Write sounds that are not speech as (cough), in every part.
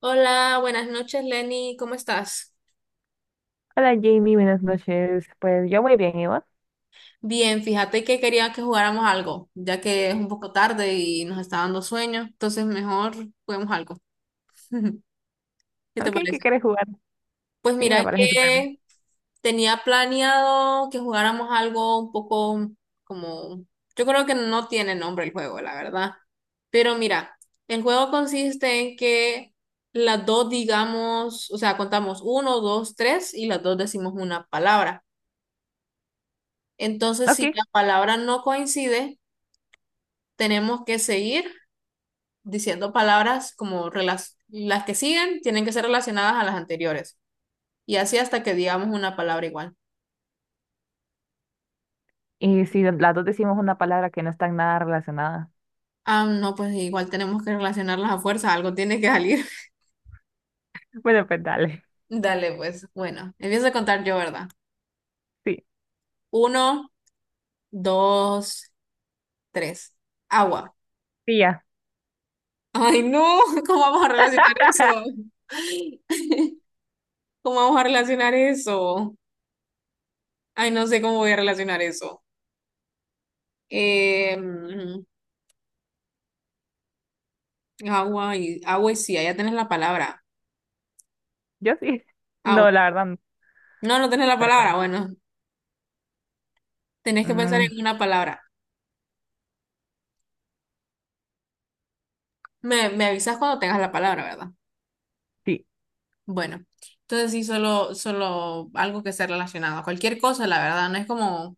Hola, buenas noches, Lenny, ¿cómo estás? Hola Jamie, buenas noches. Pues yo muy bien, ¿y vos? Bien, fíjate que quería que jugáramos algo, ya que es un poco tarde y nos está dando sueño, entonces mejor juguemos algo. (laughs) ¿Qué (laughs) te Ok, ¿qué parece? quieres jugar? Pues Sí, me mira parece súper bien. que tenía planeado que jugáramos algo un poco como, yo creo que no tiene nombre el juego, la verdad. Pero mira, el juego consiste en que las dos digamos, o sea, contamos uno, dos, tres y las dos decimos una palabra. Entonces, Ok, si la palabra no coincide, tenemos que seguir diciendo palabras las que siguen tienen que ser relacionadas a las anteriores. Y así hasta que digamos una palabra igual. y si las dos decimos una palabra que no está en nada relacionada. Ah, no, pues igual tenemos que relacionarlas a fuerza, algo tiene que salir. Bueno, pues dale. (laughs) Dale, pues, bueno, empiezo a contar yo, ¿verdad? Sí, Uno, dos, tres. Agua. tía. Ay, no, (laughs) ¿cómo vamos a relacionar eso? (laughs) (laughs) ¿Cómo vamos a relacionar eso? Ay, no sé cómo voy a relacionar eso. Em, Agua y agua y sí, ya tenés la palabra. Yo sí. Agua. No, la verdad, no. No, no tenés la palabra. Espérate. Bueno, tenés que pensar Mm, en una palabra. Me avisas cuando tengas la palabra, ¿verdad? sí. Bueno, entonces sí, solo algo que sea relacionado. Cualquier cosa, la verdad, no es como,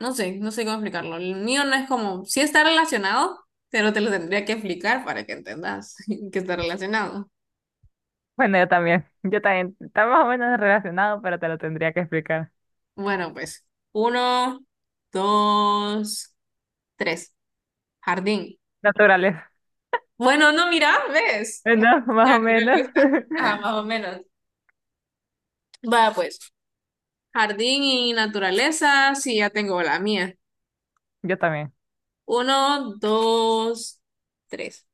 no sé, no sé cómo explicarlo. El mío no es como, sí está relacionado, pero te lo tendría que explicar para que entendas (laughs) que está relacionado. Bueno, yo también. Yo también. Está más o menos relacionado, pero te lo tendría que explicar. Bueno, pues, uno, dos, tres. Jardín. Naturales. (laughs) Bueno, no, mira, ¿ves? No, más o menos. (laughs) Naturaleza. Ah, más o menos. Va, pues, jardín y naturaleza, sí, ya tengo la mía. Yo también. Uno, dos, tres.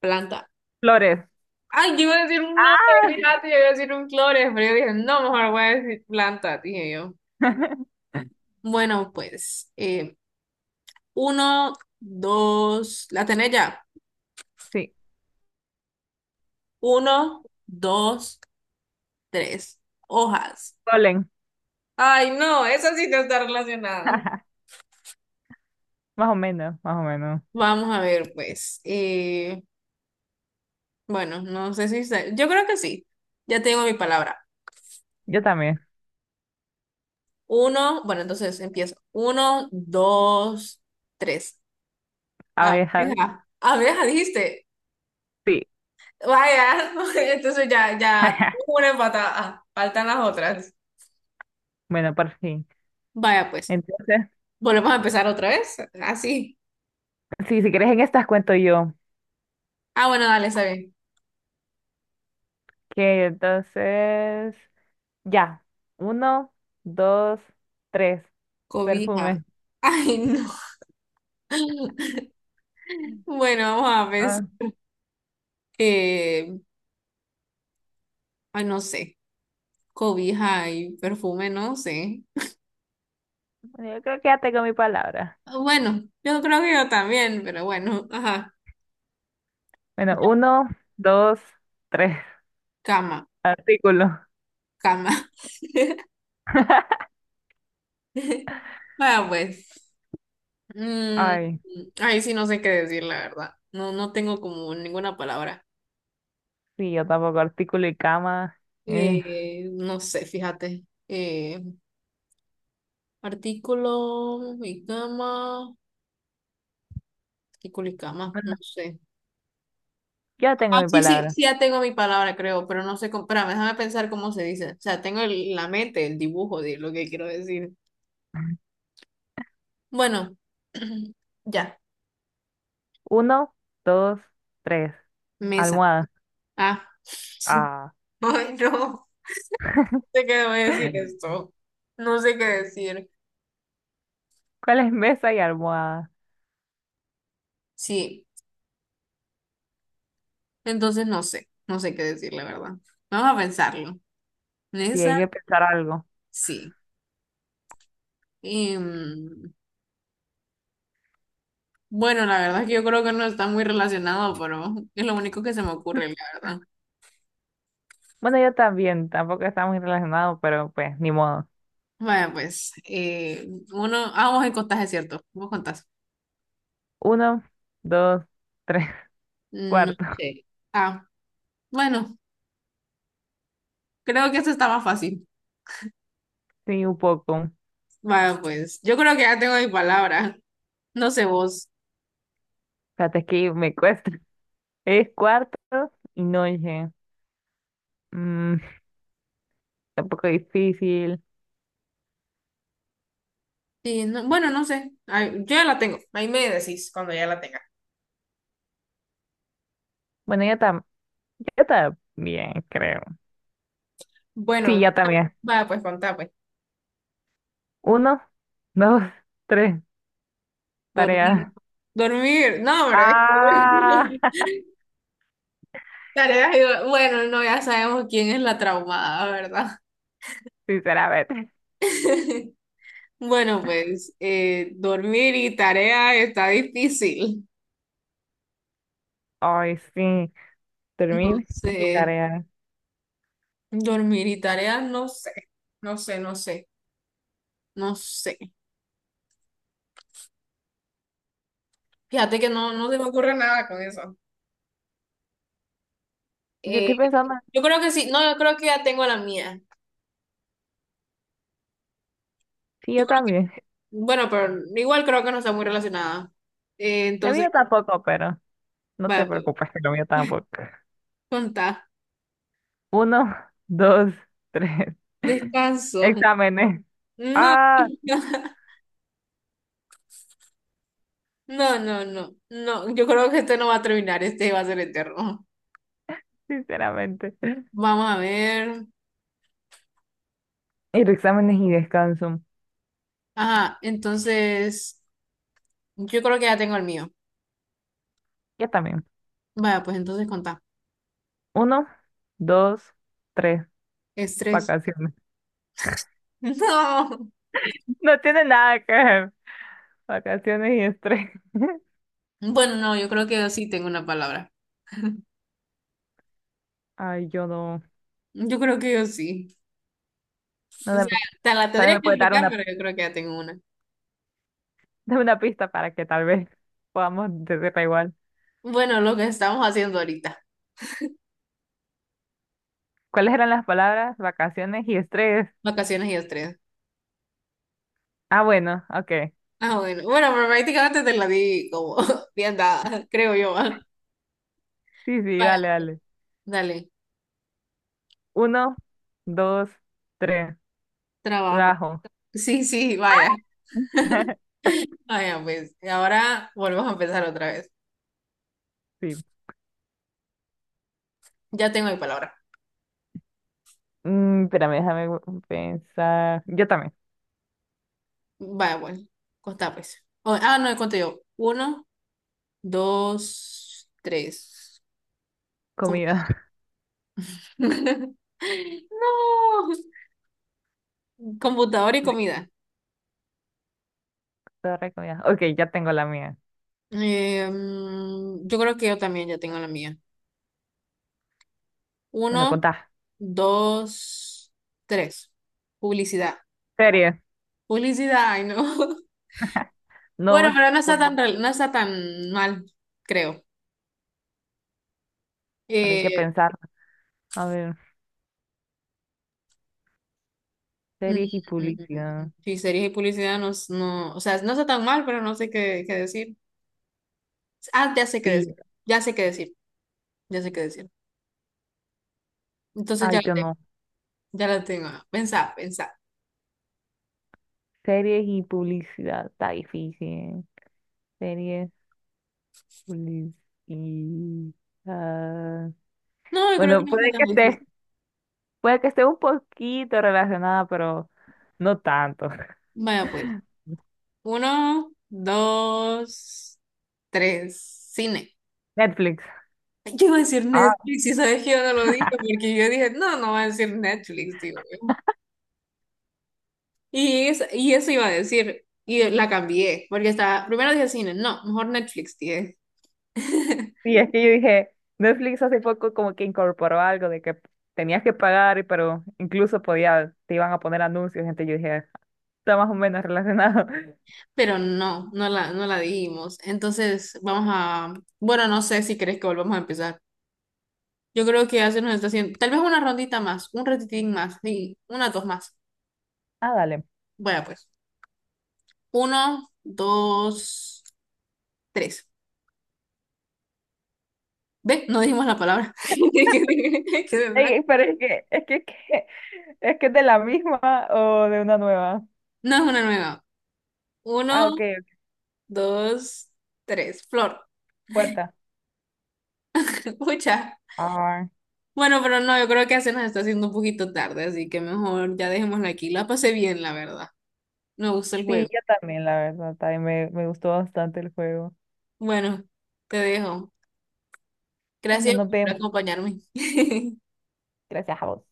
Planta. Flores. Ay, yo iba a decir un flores, fíjate, yo iba a decir un flores, pero yo dije, no, mejor voy a decir planta, dije yo. (laughs) Bueno, pues, uno, dos, la tenés ya. Sí. Uno, dos, tres. Hojas. Polen. Ay, no, esa sí no está relacionada. (laughs) Más o menos, más o menos. Vamos a ver, pues. Bueno, no sé si sé. Yo creo que sí. Ya tengo mi palabra. Yo también. Uno, bueno, entonces empiezo. Uno, dos, tres. Abejas. Abeja. Abeja, dijiste. Sí. Vaya, (laughs) entonces (laughs) una empatada. Faltan las otras. Bueno, por fin. Vaya, pues. Entonces, Volvemos a empezar otra vez. Así. sí, si quieres en estas cuento yo. Ah, bueno, dale, está bien. Que entonces, ya. Uno, dos, tres. Cobija. Perfume. Ay, no. (laughs) Bueno, vamos a pensar. Ah, eh, ay, no sé. Cobija y perfume, no sé. bueno, yo creo que ya tengo mi palabra. Ah, bueno, yo creo que yo también, pero bueno, ajá, Bueno, uno, dos, tres. cama, Artículo. cama. (laughs) Bueno, pues, mm, Ay, ahí sí no sé qué decir, la verdad. No, no tengo como ninguna palabra. sí, yo tampoco. Artículo y cama. eh, No sé, fíjate. Artículo y cama, artículo y cama, no bueno, sé. yo tengo Ah, mi sí, sí, palabra. sí, ya tengo mi palabra, creo, pero no sé cómo, espérame, déjame pensar cómo se dice. O sea, la mente, el dibujo de lo que quiero decir. Bueno, (clears throat) ya, Uno, dos, tres. mesa. Almohada. Ah, (laughs) Ah. Ay, no. No sé qué debo decir (laughs) esto. No sé qué decir. ¿Cuál es mesa y almohada? Sí, entonces no sé, no sé qué decir, la verdad. Vamos a pensarlo. Sí, Mesa, hay que pensar algo. sí. Y, bueno, la verdad es que yo creo que no está muy relacionado, pero es lo único que se me ocurre, la verdad. Bueno, yo también, tampoco está muy relacionado, pero pues, ni modo. Vaya, pues, uno, ah, vos en contás, es cierto, vos contás. Uno, dos, tres, (laughs) No cuarto. sé. Ah, bueno, creo que esto está más fácil. Sí, un poco. Va, pues yo creo que ya tengo mi palabra. No sé vos. Fíjate es que me cuesta. (laughs) Es cuarto y noche. Mm, tampoco difícil. Sí, bueno, no sé. Ay, yo ya la tengo. Ahí me decís cuando ya la tenga. Bueno, yo también, creo. Sí, Bueno, yo también. va, pues contá, pues. Uno, dos, (laughs) tres, Dormir. tarea. Dormir. No, hombre. Ah, (laughs) Tareas y- bueno, no, ya sabemos quién es la traumada, ¿verdad? (laughs) sinceramente. (laughs) Bueno, pues dormir y tarea está difícil. Ay, sí, No termina sé. mi tarea. Dormir y tarea, no sé. No sé, no sé. No sé. Fíjate que no, no se me ocurre nada con eso. Yo Eh, estoy pensando, yo creo que sí, no, yo creo que ya tengo la mía. sí, Yo yo creo que, también. bueno, pero igual creo que no está muy relacionada. La Entonces, mía tampoco, pero. No vaya, te pues, preocupes, que lo mío tampoco. contá. Uno, dos, tres. (laughs) Descanso. Exámenes. No, Ah, (laughs) no, no, no, no. Yo creo que este no va a terminar, este va a ser eterno. sinceramente. Vamos a ver. Ir exámenes y descanso. Ajá, entonces, yo creo que ya tengo el mío. Yo también. Vaya, pues entonces contá. Uno, dos, tres. Estrés. Vacaciones. (laughs) (laughs) No tiene nada que ver. Vacaciones y estrés. (laughs) No. Bueno, no, yo creo que yo sí tengo una palabra. Ay, yo no. Yo creo que yo sí. no O sea, me- te la Tal vez tendría me que puede dar explicar, pero una, yo creo que ya tengo una. (laughs) dame una pista para que tal vez podamos decirla igual. Bueno, lo que estamos haciendo ahorita, ¿Cuáles eran las palabras? Vacaciones y estrés. vacaciones y estrés. Ah, bueno, ok. Ah, bueno. Bueno, pero prácticamente te la di como (laughs) bien dada, creo yo. Ah. Sí, sí, Vaya, dale, pues, dale. dale, Uno, dos, tres. trabajo. Trabajo. Sí, sí, vaya. (laughs) (laughs) Vaya, pues, y ahora volvemos a empezar otra vez. Sí. Ya tengo mi palabra. Mm, espérame, pensar. Yo también. Vaya, bueno, contá pues. O- ah, no, cuento yo. Uno, dos, tres. Comida. Compu- (laughs) No, computador y (laughs) comida. Torre, comida. Ok, ya tengo la mía. Yo creo que yo también ya tengo la mía. Bueno, Uno, contá. dos, tres. Publicidad. Series. Publicidad, ay no. (laughs) Bueno, No, pero pues, no está tan mal, creo. pero hay que Eh, pensar. A ver, mm, series y mm, publicidad. sí, series y publicidad no, no, o sea, no está tan mal, pero no sé qué, qué decir. Ah, ya sé qué decir. Sí. Ya sé qué decir. Ya sé qué decir. Entonces ya Ay, la yo tengo, no. ya la tengo. Pensá, pensá. Series y publicidad. Está difícil. Series, publicidad. No, yo creo que Bueno, no está tan difícil. Puede que esté un poquito relacionada, pero no tanto. Vaya pues. Uno, dos, tres. Cine. Netflix. Yo iba a decir Ah, Netflix y sabes que yo no lo dije porque yo dije, no, no va a decir Netflix, digo. Y eso iba a decir. Y la cambié porque estaba, primero dije cine, no, mejor Netflix, dije. (laughs) sí, es que yo dije, Netflix hace poco como que incorporó algo de que tenías que pagar, pero incluso podía, te iban a poner anuncios, gente, yo dije, está más o menos relacionado. (laughs) Pero no, no la dijimos. Entonces, vamos a, bueno, no sé si crees que volvamos a empezar. Yo creo que ya se nos está haciendo, tal vez una rondita más, un ratitín más, sí, una, dos más. Ah, dale. Bueno, pues, uno, dos, tres. Ve, no dijimos la palabra. (laughs) Quedé en blanco. Ey, pero es que es de la misma o de una nueva. No es una nueva. Ah, Uno, ok, ok, dos, tres. Flor. puerta. (laughs) Pucha. Ah, Bueno, pero no, yo creo que ya se nos está haciendo un poquito tarde, así que mejor ya dejémosla aquí. La pasé bien, la verdad. Me gusta el sí, juego. yo también, la verdad, también me gustó bastante el juego. Bueno, te dejo. Bueno, Gracias nos por vemos. acompañarme. (laughs) Gracias a vos.